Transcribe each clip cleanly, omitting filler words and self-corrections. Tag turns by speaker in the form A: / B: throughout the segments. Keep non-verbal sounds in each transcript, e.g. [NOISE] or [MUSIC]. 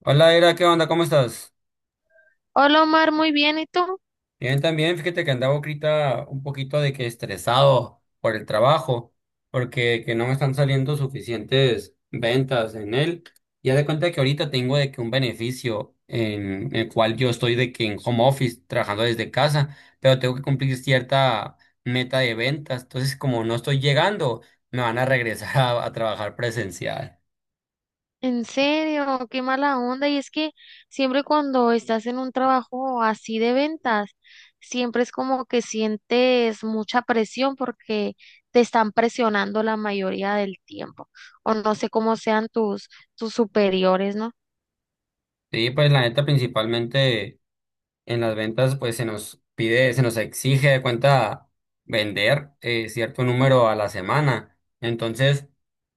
A: Hola, Era, ¿qué onda? ¿Cómo estás?
B: Hola Omar, muy bien, ¿y tú?
A: Bien, también, fíjate que andaba ahorita un poquito de que estresado por el trabajo, porque que no me están saliendo suficientes ventas en él. Ya de cuenta que ahorita tengo de que un beneficio en el cual yo estoy de que en home office, trabajando desde casa, pero tengo que cumplir cierta meta de ventas. Entonces, como no estoy llegando, me van a regresar a trabajar presencial.
B: En serio, qué mala onda. Y es que siempre cuando estás en un trabajo así de ventas, siempre es como que sientes mucha presión porque te están presionando la mayoría del tiempo. O no sé cómo sean tus superiores, ¿no?
A: Sí, pues la neta principalmente. En las ventas, pues se nos pide, se nos exige de cuenta vender cierto número a la semana. Entonces,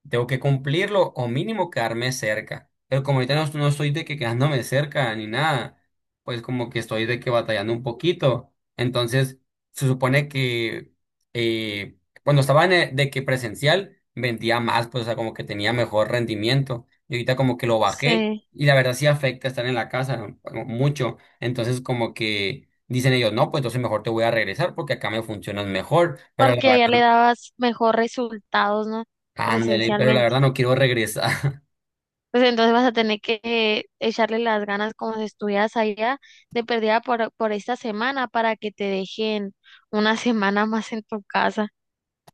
A: tengo que cumplirlo o mínimo quedarme cerca. Pero como ahorita no estoy de que quedándome cerca ni nada, pues como que estoy de que batallando un poquito. Entonces, se supone que eh, cuando estaba en el- de que presencial, vendía más, pues o sea, como que tenía mejor rendimiento. Y ahorita como que lo bajé
B: Sí,
A: y la verdad sí afecta estar en la casa, ¿no? Mucho. Entonces, como que dicen ellos, no, pues entonces mejor te voy a regresar porque acá me funcionas mejor, pero la
B: porque allá le
A: verdad,
B: dabas mejor resultados, ¿no?
A: ándale, pero la
B: Presencialmente.
A: verdad no quiero regresar. [LAUGHS]
B: Pues entonces vas a tener que echarle las ganas como si estuvieras allá de perdida por esta semana para que te dejen una [LAUGHS] semana más en tu casa.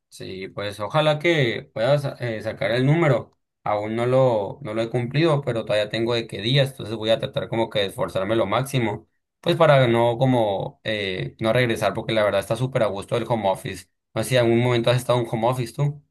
A: Sí, pues ojalá que puedas sacar el número. Aún no lo he cumplido, pero todavía tengo de qué días, entonces voy a tratar como que de esforzarme lo máximo, pues para no como no regresar, porque la verdad está súper a gusto el home office. No sé si en algún momento has estado en un home office tú.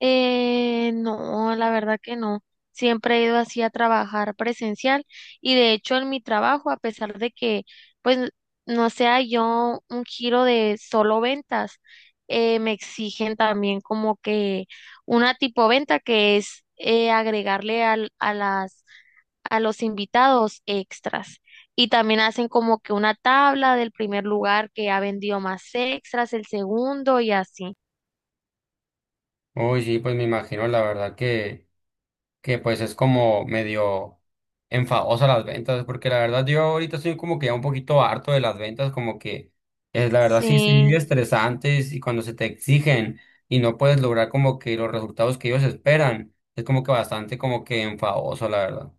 B: No, la verdad que no. Siempre he ido así a trabajar presencial y de hecho en mi trabajo, a pesar de que pues no sea yo un giro de solo ventas, me exigen también como que una tipo venta que es agregarle a las a los invitados extras. Y también hacen como que una tabla del primer lugar que ha vendido más extras, el segundo y así.
A: Uy, sí, pues me imagino la verdad que pues es como medio enfadosa las ventas, porque la verdad yo ahorita estoy como que ya un poquito harto de las ventas, como que es la verdad sí son muy
B: Sí.
A: estresantes y cuando se te exigen y no puedes lograr como que los resultados que ellos esperan, es como que bastante como que enfadoso, la verdad.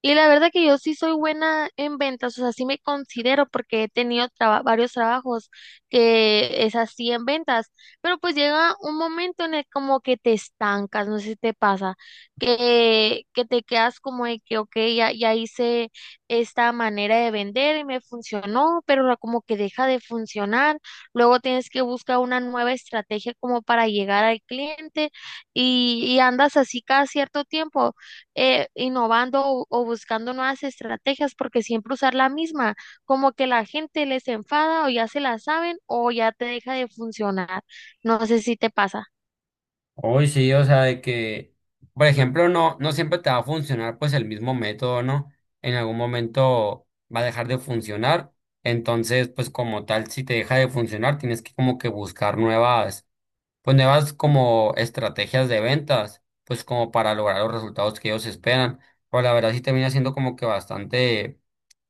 B: Y la verdad que yo sí soy buena en ventas, o sea, sí me considero porque he tenido varios trabajos que es así en ventas, pero pues llega un momento en el como que te estancas, no sé si te pasa, que te quedas como de que, ok, ya hice esta manera de vender y me funcionó, pero como que deja de funcionar, luego tienes que buscar una nueva estrategia como para llegar al cliente y andas así cada cierto tiempo innovando o buscando nuevas estrategias, porque siempre usar la misma, como que la gente les enfada o ya se la saben o ya te deja de funcionar. No sé si te pasa.
A: Hoy sí, o sea, de que, por ejemplo, no siempre te va a funcionar pues el mismo método, ¿no? En algún momento va a dejar de funcionar. Entonces, pues como tal, si te deja de funcionar, tienes que como que buscar nuevas pues nuevas como estrategias de ventas, pues como para lograr los resultados que ellos esperan. Pero la verdad sí termina siendo como que bastante,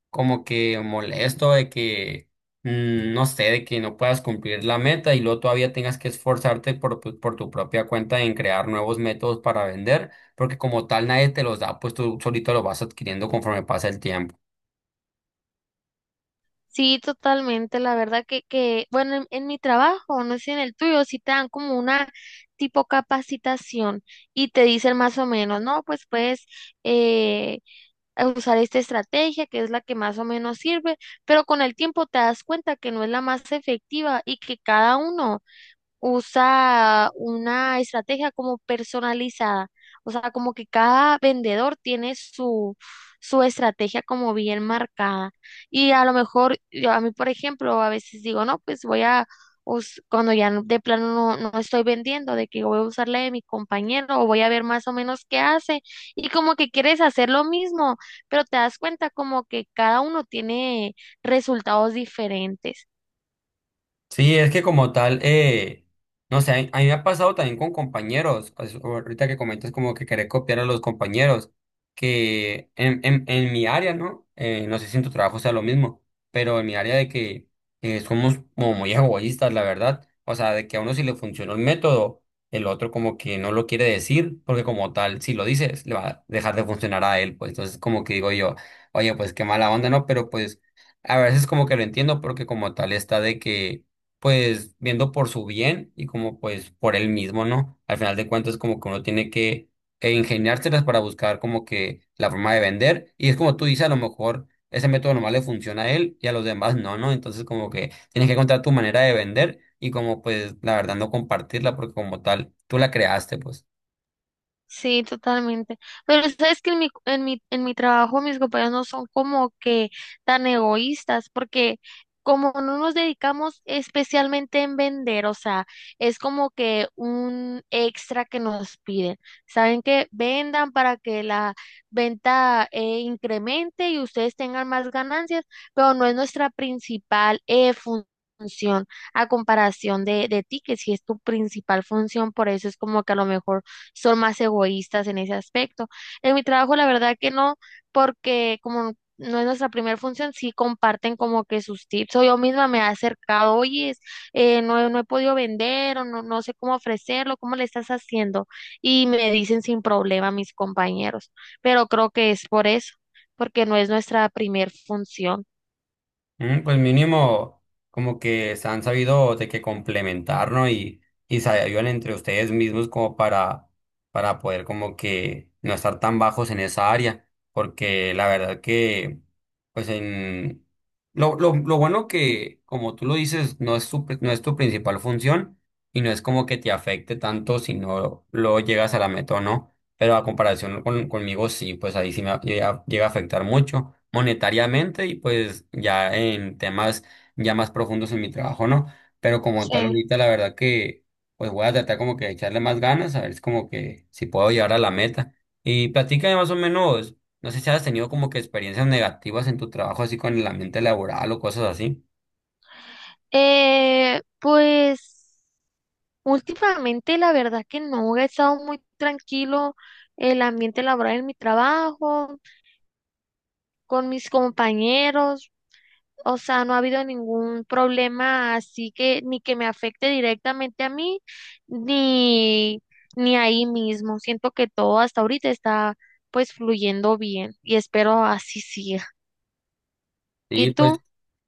A: como que molesto de que, no sé, de que no puedas cumplir la meta y luego todavía tengas que esforzarte por, por tu propia cuenta en crear nuevos métodos para vender, porque como tal nadie te los da, pues tú solito los vas adquiriendo conforme pasa el tiempo.
B: Sí, totalmente. La verdad que bueno, en mi trabajo, no sé si en el tuyo, sí te dan como una tipo capacitación y te dicen más o menos, no, pues puedes eh, usar esta estrategia que es la que más o menos sirve, pero con el tiempo te das cuenta que no es la más efectiva y que cada uno usa una estrategia como personalizada, o sea, como que cada vendedor tiene su estrategia como bien marcada. Y a lo mejor, yo a mí, por ejemplo, a veces digo, no, pues voy a, cuando de plano no, no estoy vendiendo, de que voy a usar la de mi compañero o voy a ver más o menos qué hace. Y como que quieres hacer lo mismo, pero te das cuenta como que cada uno tiene resultados diferentes.
A: Sí, es que como tal, no sé, a mí me ha pasado también con compañeros, pues, ahorita que comentas como que querer copiar a los compañeros, que en mi área, ¿no? No sé si en tu trabajo sea lo mismo, pero en mi área de que somos como muy egoístas, la verdad, o sea, de que a uno si le funcionó el método, el otro como que no lo quiere decir, porque como tal, si lo dices, le va a dejar de funcionar a él, pues entonces como que digo yo, oye, pues qué mala onda, ¿no? Pero pues a veces como que lo entiendo porque como tal está de que pues viendo por su bien y como pues por él mismo, ¿no? Al final de cuentas como que uno tiene que ingeniárselas para buscar como que la forma de vender y es como tú dices, a lo mejor ese método nomás le funciona a él y a los demás no, ¿no? Entonces como que tienes que encontrar tu manera de vender y como pues la verdad no compartirla porque como tal tú la creaste, pues.
B: Sí, totalmente. Pero sabes que en mi trabajo mis compañeros no son como que tan egoístas, porque como no nos dedicamos especialmente en vender, o sea, es como que un extra que nos piden. Saben que vendan para que la venta incremente y ustedes tengan más ganancias, pero no es nuestra principal función a comparación de ti, que si es tu principal función, por eso es como que a lo mejor son más egoístas en ese aspecto. En mi trabajo, la verdad que no, porque como no es nuestra primera función, sí comparten como que sus tips. O yo misma me he acercado, oye, no, no he podido vender o no, no sé cómo ofrecerlo, cómo le estás haciendo. Y me dicen sin problema mis compañeros, pero creo que es por eso, porque no es nuestra primera función.
A: Mm, pues mínimo, como que se han sabido de que complementar, ¿no? Y se ayudan entre ustedes mismos como para poder como que no estar tan bajos en esa área, porque la verdad que, pues en... Lo bueno que, como tú lo dices, no es no es tu principal función y no es como que te afecte tanto si no lo llegas a la meta, ¿no? Pero a comparación con, conmigo sí, pues ahí sí llega, llega a afectar mucho monetariamente y pues ya en temas ya más profundos en mi trabajo, ¿no? Pero como tal
B: Sí.
A: ahorita la verdad que pues voy a tratar como que de echarle más ganas, a ver es como que si puedo llegar a la meta. Y platícame más o menos, no sé si has tenido como que experiencias negativas en tu trabajo así con el ambiente laboral o cosas así.
B: Pues últimamente la verdad que no, he estado muy tranquilo el ambiente laboral en mi trabajo, con mis compañeros, o sea, no ha habido ningún problema así que ni que me afecte directamente a mí, ni, ni ahí mismo. Siento que todo hasta ahorita está pues fluyendo bien y espero así siga.
A: Sí,
B: ¿Y tú?
A: pues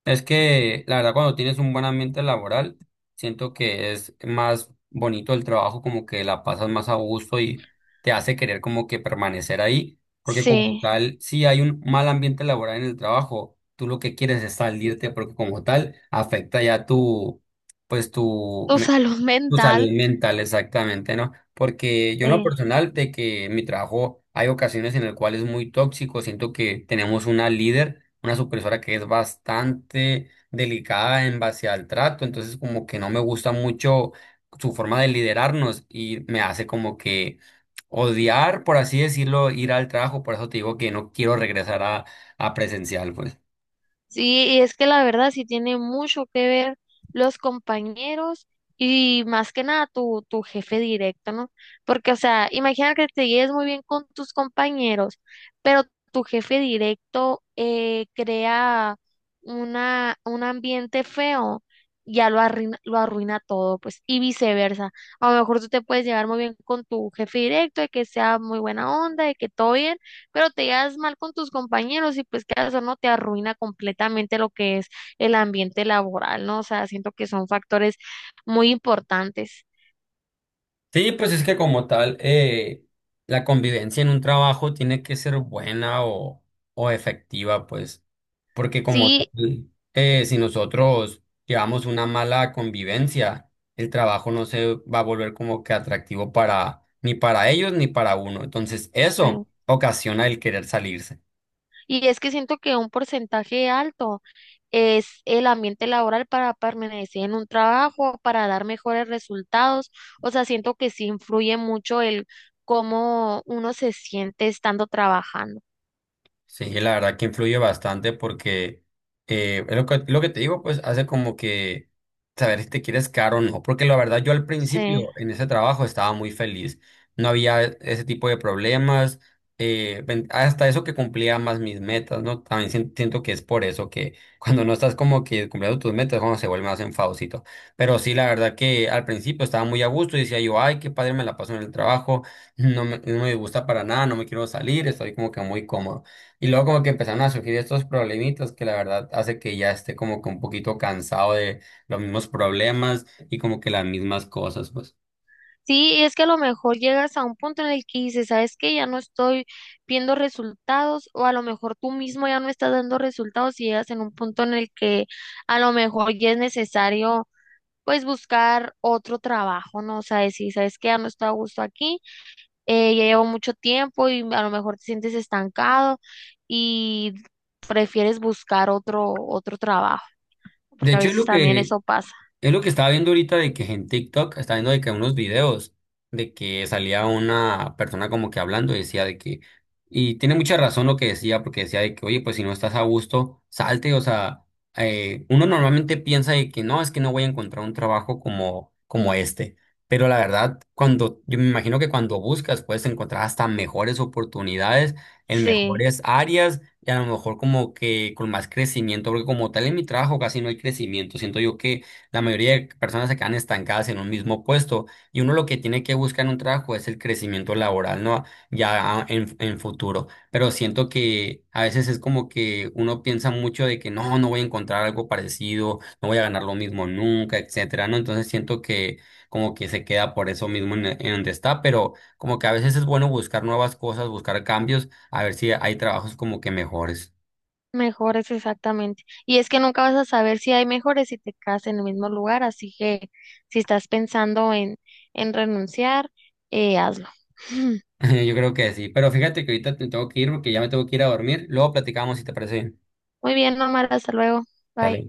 A: es que la verdad cuando tienes un buen ambiente laboral, siento que es más bonito el trabajo, como que la pasas más a gusto y te hace querer como que permanecer ahí, porque como
B: Sí,
A: tal, si hay un mal ambiente laboral en el trabajo, tú lo que quieres es salirte, porque como tal afecta ya tu, pues tu,
B: tu [LAUGHS] salud
A: tu
B: mental.
A: salud mental, exactamente, ¿no? Porque yo en lo
B: Sí.
A: personal, de que en mi trabajo hay ocasiones en las cuales es muy tóxico, siento que tenemos una líder, una supervisora que es bastante delicada en base al trato, entonces como que no me gusta mucho su forma de liderarnos y me hace como que odiar, por así decirlo, ir al trabajo, por eso te digo que no quiero regresar a presencial, pues.
B: Sí, y es que la verdad sí tiene mucho que ver los compañeros y más que nada tu jefe directo, ¿no? Porque, o sea, imagina que te lleves muy bien con tus compañeros, pero tu jefe directo crea un ambiente feo, ya lo arruina todo, pues, y viceversa. A lo mejor tú te puedes llevar muy bien con tu jefe directo, de que sea muy buena onda, de que todo bien pero te llevas mal con tus compañeros y pues que eso no te arruina completamente lo que es el ambiente laboral, ¿no? O sea, siento que son factores muy importantes.
A: Sí, pues es que como tal, la convivencia en un trabajo tiene que ser buena o efectiva, pues, porque como
B: Sí,
A: tal, si nosotros llevamos una mala convivencia, el trabajo no se va a volver como que atractivo para ni para ellos ni para uno. Entonces,
B: sí.
A: eso ocasiona el querer salirse.
B: Y es que siento que un porcentaje alto es el ambiente laboral para permanecer en un trabajo, para dar mejores resultados. O sea, siento que sí influye mucho el cómo uno se siente estando trabajando.
A: Sí, la verdad que influye bastante porque es lo que te digo, pues hace como que saber si te quieres caro o no. Porque la verdad, yo al
B: Sí.
A: principio en ese trabajo estaba muy feliz. No había e, ese tipo de problemas. Hasta eso que cumplía más mis metas, ¿no? También siento que es por eso que [LAUGHS] cuando no estás como que cumpliendo tus metas, cuando se vuelve más enfadocito. Pero sí, la verdad que al principio estaba muy a gusto y decía yo, ay, qué padre me la paso en el trabajo. No me gusta para nada, no me quiero salir, estoy como que muy cómodo. Y luego como que empezaron a surgir estos problemitas que la verdad hace que ya esté como que un poquito cansado de los mismos problemas y como que las mismas cosas, pues.
B: Sí, y es que a lo mejor llegas a un punto en el que dices, ¿sabes qué? Ya no estoy viendo resultados o a lo mejor tú mismo ya no estás dando resultados y llegas en un punto en el que a lo mejor ya es necesario pues buscar otro trabajo, ¿no? O sea, decir, ¿sabes qué? Ya no estoy a gusto aquí, ya llevo mucho tiempo y a lo mejor te sientes estancado y prefieres buscar otro trabajo,
A: De
B: porque a
A: hecho, es
B: veces
A: lo
B: también
A: que
B: eso pasa.
A: es lo que estaba viendo ahorita de que en TikTok estaba viendo de que unos videos de que salía una persona como que hablando y decía de que, y tiene mucha razón lo que decía, porque decía de que, oye, pues si no estás a gusto, salte, o sea, uno normalmente piensa de que no, es que no voy a encontrar un trabajo como este, pero la verdad, cuando, yo me imagino que cuando buscas puedes encontrar hasta mejores oportunidades en
B: Sí.
A: mejores áreas y a lo mejor como que con más crecimiento, porque como tal en mi trabajo casi no hay crecimiento, siento yo que la mayoría de personas se quedan estancadas en un mismo puesto y uno lo que tiene que buscar en un trabajo es el crecimiento laboral, ¿no? Ya en futuro. Pero siento que a veces es como que uno piensa mucho de que no, no voy a encontrar algo parecido, no voy a ganar lo mismo nunca, etcétera, ¿no? Entonces siento que como que se queda por eso mismo en donde está, pero como que a veces es bueno buscar nuevas cosas, buscar cambios, a ver si hay trabajos como que mejores.
B: Mejores, exactamente. Y es que nunca vas a saber si hay mejores si te quedas en el mismo lugar, así que si estás pensando en renunciar, hazlo. [LAUGHS]
A: [LAUGHS] Yo creo que sí, pero fíjate que ahorita te tengo que ir porque ya me tengo que ir a dormir. Luego platicamos si te parece bien.
B: Muy bien, Norma, hasta luego.
A: Dale.
B: Bye.